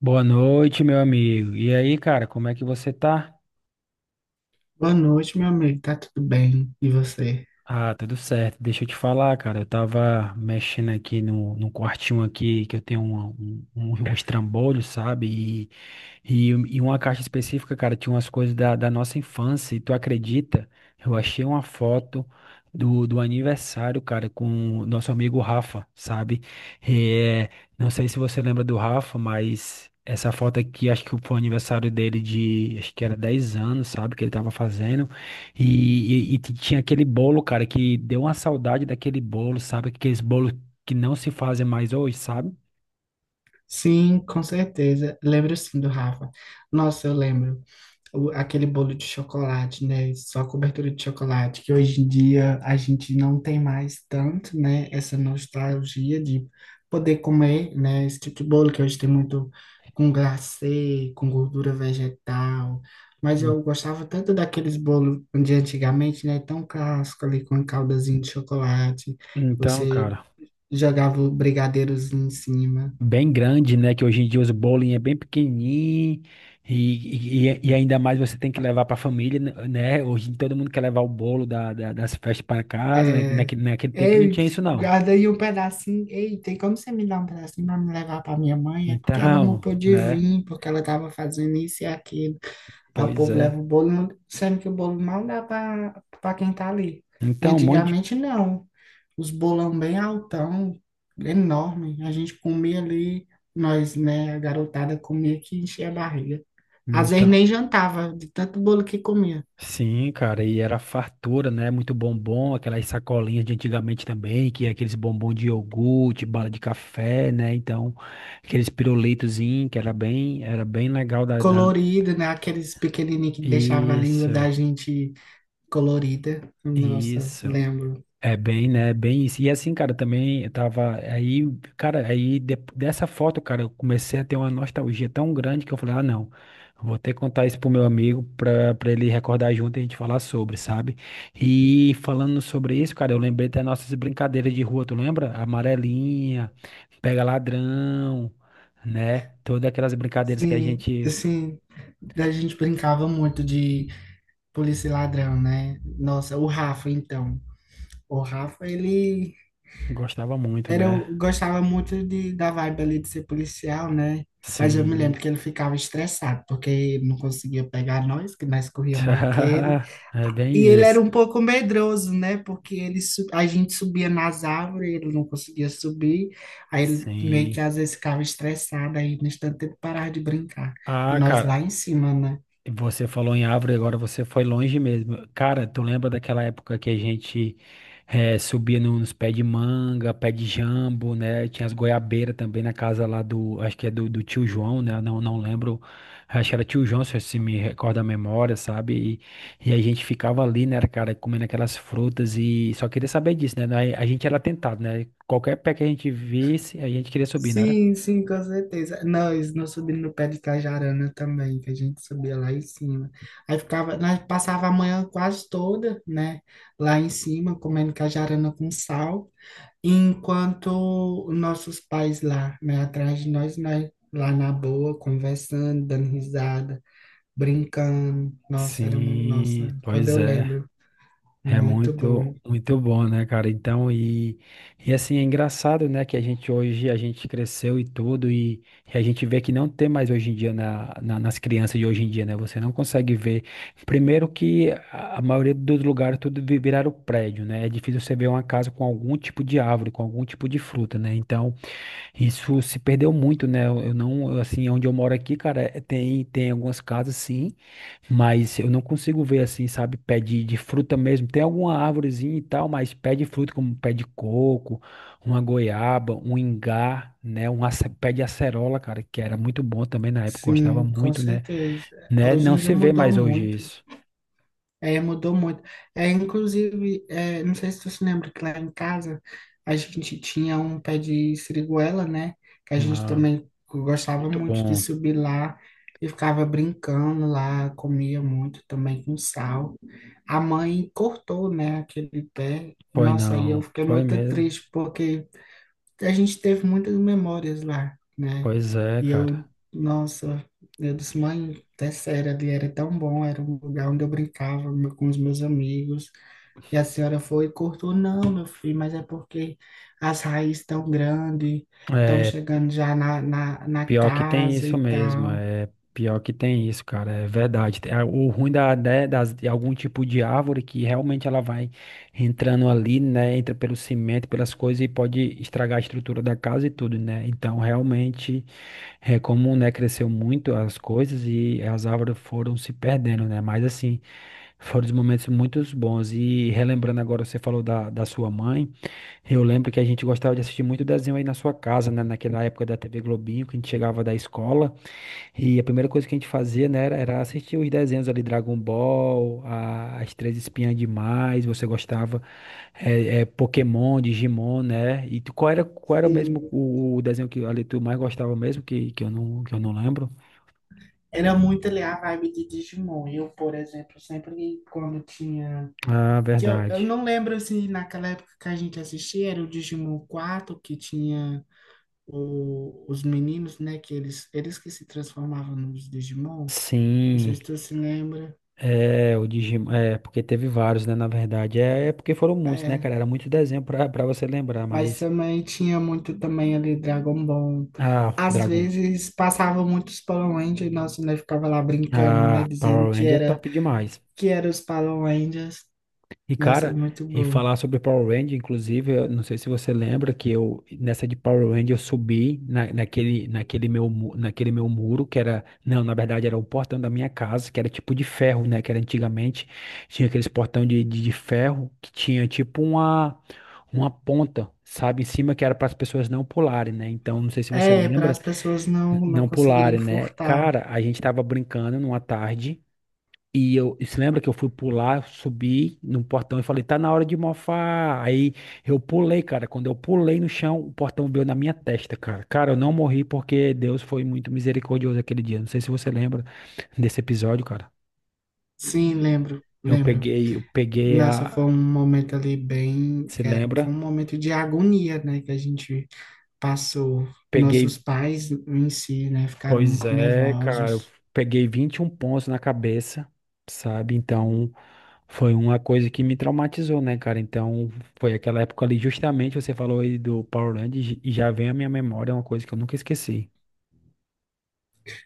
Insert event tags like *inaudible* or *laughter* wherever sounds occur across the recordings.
Boa noite, meu amigo. E aí, cara, como é que você tá? Boa noite, meu amigo. Tá tudo bem? E você? Ah, tá tudo certo. Deixa eu te falar, cara. Eu tava mexendo aqui no quartinho aqui que eu tenho *laughs* um estrambolho, sabe? E uma caixa específica, cara, tinha umas coisas da nossa infância. E tu acredita? Eu achei uma foto do aniversário, cara, com o nosso amigo Rafa, sabe? É, não sei se você lembra do Rafa, mas. Essa foto aqui, acho que foi o aniversário dele de, acho que era 10 anos, sabe, que ele tava fazendo. Tinha aquele bolo, cara, que deu uma saudade daquele bolo, sabe? Aqueles bolos que não se fazem mais hoje, sabe? Sim, com certeza. Lembro sim do Rafa. Nossa, eu lembro. Aquele bolo de chocolate, né? Só cobertura de chocolate, que hoje em dia a gente não tem mais tanto, né? Essa nostalgia de poder comer, né? Esse tipo de bolo que hoje tem muito com glacê, com gordura vegetal. Mas En- eu gostava tanto daqueles bolos de antigamente, né? Tão clássico ali, com a caldazinha de chocolate. Então, Você cara, jogava o brigadeiros em cima. bem grande, né? Que hoje em dia os bolos é bem pequenininho e ainda mais você tem que levar para a família, né? Hoje todo mundo quer levar o bolo das festas pra casa, né? É, Naquele tempo não ei, tinha isso, não. guarda aí um pedacinho. Ei, tem como você me dar um pedacinho para me levar para minha mãe? É porque ela não Então, pôde *laughs* né? vir, porque ela estava fazendo isso e aquilo. Aí o Pois povo é. leva o bolo, sendo que o bolo mal dá para quem tá ali. E Então, um monte de... antigamente não. Os bolão bem altão, enorme. A gente comia ali, nós, né, a garotada comia que enchia a barriga. Às vezes Então, nem jantava, de tanto bolo que comia. sim, cara, e era fartura, né? Muito bombom, aquelas sacolinhas de antigamente também, que é aqueles bombom de iogurte, bala de café, né? Então, aqueles pirulitozinhos que era bem legal da. Colorido, né? Aqueles pequenininhos que deixava a língua Isso, da gente colorida. Nossa, isso. lembro. É bem, né? Bem isso. E assim, cara, também eu tava. Aí, cara, dessa foto, cara, eu comecei a ter uma nostalgia tão grande que eu falei, ah, não, eu vou ter que contar isso pro meu amigo pra ele recordar junto e a gente falar sobre, sabe? E falando sobre isso, cara, eu lembrei das nossas brincadeiras de rua, tu lembra? Amarelinha, pega ladrão, né? Todas aquelas brincadeiras que a Sim, gente assim, a gente brincava muito de polícia e ladrão, né? Nossa, o Rafa, então. O Rafa, ele gostava muito, era, né? Gostava muito de, da vibe ali de ser policial, né? Mas eu me Sim. lembro que ele ficava estressado, porque não conseguia pegar nós, que nós corria mais que ele. *laughs* É E bem ele era isso. um pouco medroso, né? Porque ele, a gente subia nas árvores, ele não conseguia subir. Aí ele meio que Sim. às vezes ficava estressado, aí no instante ele parava de brincar. E Ah, nós lá cara, em cima, né? você falou em árvore, agora você foi longe mesmo. Cara, tu lembra daquela época que a gente subia nos pés de manga, pé de jambo, né? Tinha as goiabeiras também na casa lá do, acho que é do tio João, né? Não, não lembro, acho que era tio João, se me recorda a memória, sabe? E a gente ficava ali, né, cara, comendo aquelas frutas e só queria saber disso, né? A gente era tentado, né? Qualquer pé que a gente visse, a gente queria subir, né? era? Sim, sim, com certeza. Nós subimos no pé de Cajarana também, que a gente subia lá em cima. Aí ficava, nós passava a manhã quase toda, né? Lá em cima, comendo cajarana com sal. Enquanto nossos pais lá, né, atrás de nós, nós lá na boa, conversando, dando risada, brincando. Nossa, era muito, Sim, nossa, quando pois eu é. lembro, É muito bom. muito bom, né, cara? Então, e assim, é engraçado, né, que a gente hoje, a gente cresceu e tudo, e a gente vê que não tem mais hoje em dia nas crianças de hoje em dia, né? Você não consegue ver. Primeiro que a maioria dos lugares tudo viraram prédio, né? É difícil você ver uma casa com algum tipo de árvore, com algum tipo de fruta, né? Então, isso se perdeu muito, né? Eu não, eu, assim, onde eu moro aqui, cara, tem algumas casas, sim, mas eu não consigo ver assim, sabe, pé de fruta mesmo. Tem alguma árvorezinha e tal, mas pé de fruta, como pé de coco, uma goiaba, um ingá, né? Um pé de acerola, cara, que era muito bom também na época, gostava Sim, com muito, né? certeza. Né? Hoje Não em dia se vê mudou mais hoje muito. isso. É, mudou muito. É, inclusive, é, não sei se você lembra que lá em casa a gente tinha um pé de siriguela, né? Que a gente Ah, também gostava muito muito de bom. subir lá e ficava brincando lá, comia muito também com sal. A mãe cortou, né, aquele pé. Foi Nossa, aí eu não, fiquei foi muito mesmo. triste porque a gente teve muitas memórias lá, né? Pois é, E cara. eu, nossa, eu disse, mãe, é sério, ali era tão bom, era um lugar onde eu brincava com os meus amigos. E a senhora foi e cortou, não, meu filho, mas é porque as raízes estão grandes, estão É, chegando já na, na, na Pior que tem casa isso e mesmo, tal. é pior que tem isso, cara, é verdade. O ruim de algum tipo de árvore que realmente ela vai entrando ali, né, entra pelo cimento, pelas coisas e pode estragar a estrutura da casa e tudo, né? Então, realmente, é como, né, cresceu muito as coisas e as árvores foram se perdendo, né? Mas assim, foram os momentos muito bons. E relembrando agora, você falou da sua mãe. Eu lembro que a gente gostava de assistir muito desenho aí na sua casa, né? Naquela época da TV Globinho, que a gente chegava da escola e a primeira coisa que a gente fazia, né, era assistir os desenhos ali, Dragon Ball, As Três Espiãs Demais, você gostava, Pokémon, Digimon, né? Qual qual era mesmo Sim. O desenho que ali tu mais gostava mesmo, que eu não lembro? Era muito ali a vibe de Digimon. Eu, por exemplo, sempre quando tinha Ah, que eu verdade. não lembro se naquela época que a gente assistia era o Digimon 4 que tinha os meninos, né? Que eles que se transformavam nos Digimon. Não sei Sim, se tu se lembra. é, o Digimon, é, porque teve vários, né, na verdade, é porque foram muitos, né, É. cara, era muito desenho pra você lembrar, Mas mas também tinha muito também ali Dragon Ball. ah, Às Dragon. vezes passavam muitos Power Rangers e nossa, né, ficava lá brincando, né? Ah, Dizendo Power Ranger é top demais. que era os Power Rangers. E, Nossa, cara, muito e bom. falar sobre Power Ranger, inclusive, eu não sei se você lembra que eu, nessa de Power Ranger, eu subi na, naquele, naquele meu, mu- naquele meu muro, que era, não, na verdade era o portão da minha casa, que era tipo de ferro, né, que era antigamente, tinha aqueles portão de ferro, que tinha tipo uma ponta, sabe, em cima, que era para as pessoas não pularem, né, então, não sei se você É, para lembra, as pessoas não, não não conseguirem pularem, né, furtar. cara, a gente tava brincando numa tarde. E você lembra que eu fui pular, subi no portão e falei, tá na hora de mofar. Aí eu pulei, cara. Quando eu pulei no chão, o portão veio na minha testa, cara. Cara, eu não morri porque Deus foi muito misericordioso aquele dia. Não sei se você lembra desse episódio, cara. Sim, lembro, lembro. Eu peguei Nossa, foi a. um momento ali bem, Se foi lembra? um momento de agonia, né, que a gente passou. Peguei. Nossos pais em si, né, ficaram Pois muito é, cara, eu nervosos. peguei 21 pontos na cabeça, sabe? Então, foi uma coisa que me traumatizou, né, cara? Então, foi aquela época ali, justamente você falou aí do Power Rangers e já vem à minha memória uma coisa que eu nunca esqueci.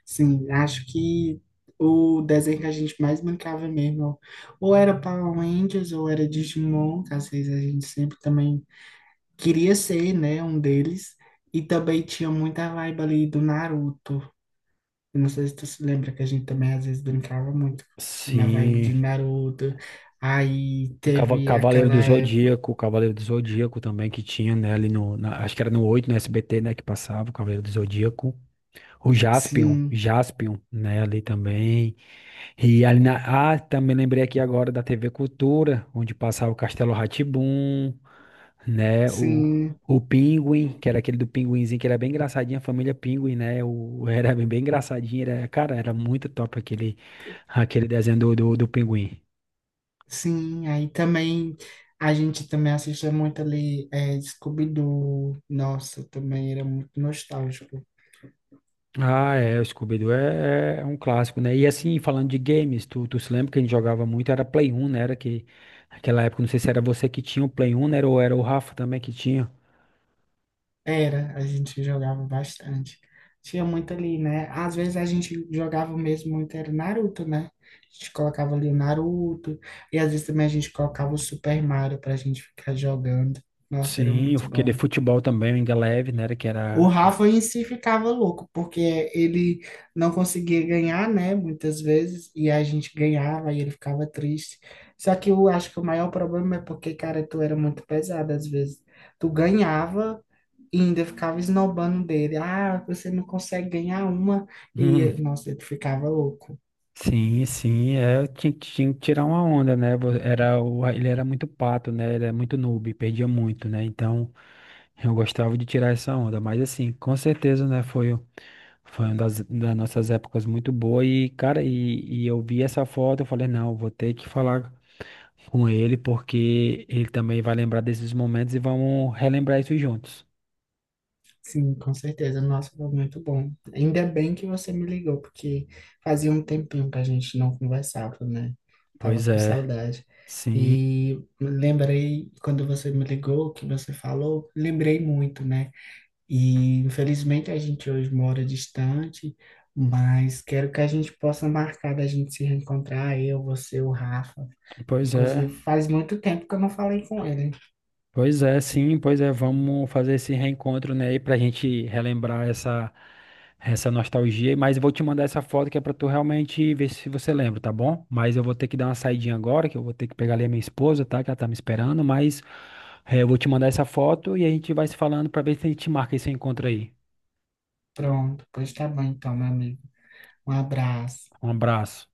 Sim, acho que o desenho que a gente mais brincava mesmo, ou era Power Rangers, ou era Digimon, que às vezes a gente sempre também queria ser, né, um deles. E também tinha muita vibe ali do Naruto. Eu não sei se tu se lembra que a gente também às vezes brincava muito na vibe Sim, de Naruto. Aí teve aquela época. Cavaleiro do Zodíaco também que tinha, né, ali no, na- acho que era no 8 no SBT, né, que passava o Cavaleiro do Zodíaco. O Jaspion, Sim, Jaspion, né, ali também. E ali na... Ah, também lembrei aqui agora da TV Cultura, onde passava o Castelo rá né? Sim, O Pinguim, que era aquele do Pinguinzinho, que era bem engraçadinho, a família Pinguim, né? O, era bem engraçadinho, era... cara, era muito top aquele, aquele desenho do Pinguim. sim. Aí também a gente também assistia muito ali é, Scooby-Doo. Nossa, também era muito nostálgico. Ah, é, o Scooby-Doo é, é um clássico, né? E assim, falando de games, tu se lembra que a gente jogava muito, era Play 1, né? Era que, aquela época, não sei se era você que tinha o Play 1, né? Ou era o Rafa também que tinha. Era, a gente jogava bastante. Tinha muito ali, né? Às vezes a gente jogava mesmo muito, era Naruto, né? A gente colocava ali o Naruto, e às vezes também a gente colocava o Super Mario pra gente ficar jogando. Nossa, era Sim, muito aquele bom. futebol também, o Inga Leve, né? O Rafa em si ficava louco, porque ele não conseguia ganhar, né? Muitas vezes, e a gente ganhava e ele ficava triste. Só que eu acho que o maior problema é porque, cara, tu era muito pesado às vezes. Tu ganhava. E ainda ficava esnobando dele. Ah, você não consegue ganhar uma. Hum, E, nossa, ele ficava louco. sim, sim, é, tinha que tirar uma onda, né? Era, ele era muito pato, né? Ele era muito noob, perdia muito, né? Então eu gostava de tirar essa onda. Mas assim, com certeza, né? Foi uma das nossas épocas muito boa. E, cara, e eu vi essa foto, eu falei, não, vou ter que falar com ele, porque ele também vai lembrar desses momentos e vamos relembrar isso juntos. Sim, com certeza. Nossa, foi muito bom. Ainda bem que você me ligou, porque fazia um tempinho que a gente não conversava, né? Tava Pois com é, saudade. sim, E lembrei, quando você me ligou, que você falou, lembrei muito, né? E infelizmente a gente hoje mora distante, mas quero que a gente possa marcar da gente se reencontrar, eu, você, o Rafa. pois é. Inclusive, faz muito tempo que eu não falei com ele. Pois é, sim, pois é, vamos fazer esse reencontro, né, aí pra gente relembrar essa essa nostalgia, mas eu vou te mandar essa foto que é pra tu realmente ver se você lembra, tá bom? Mas eu vou ter que dar uma saidinha agora, que eu vou ter que pegar ali a minha esposa, tá, que ela tá me esperando, mas eu vou te mandar essa foto e a gente vai se falando pra ver se a gente marca esse encontro aí. Pronto, pois tá bom então, meu amigo. Um abraço. Um abraço.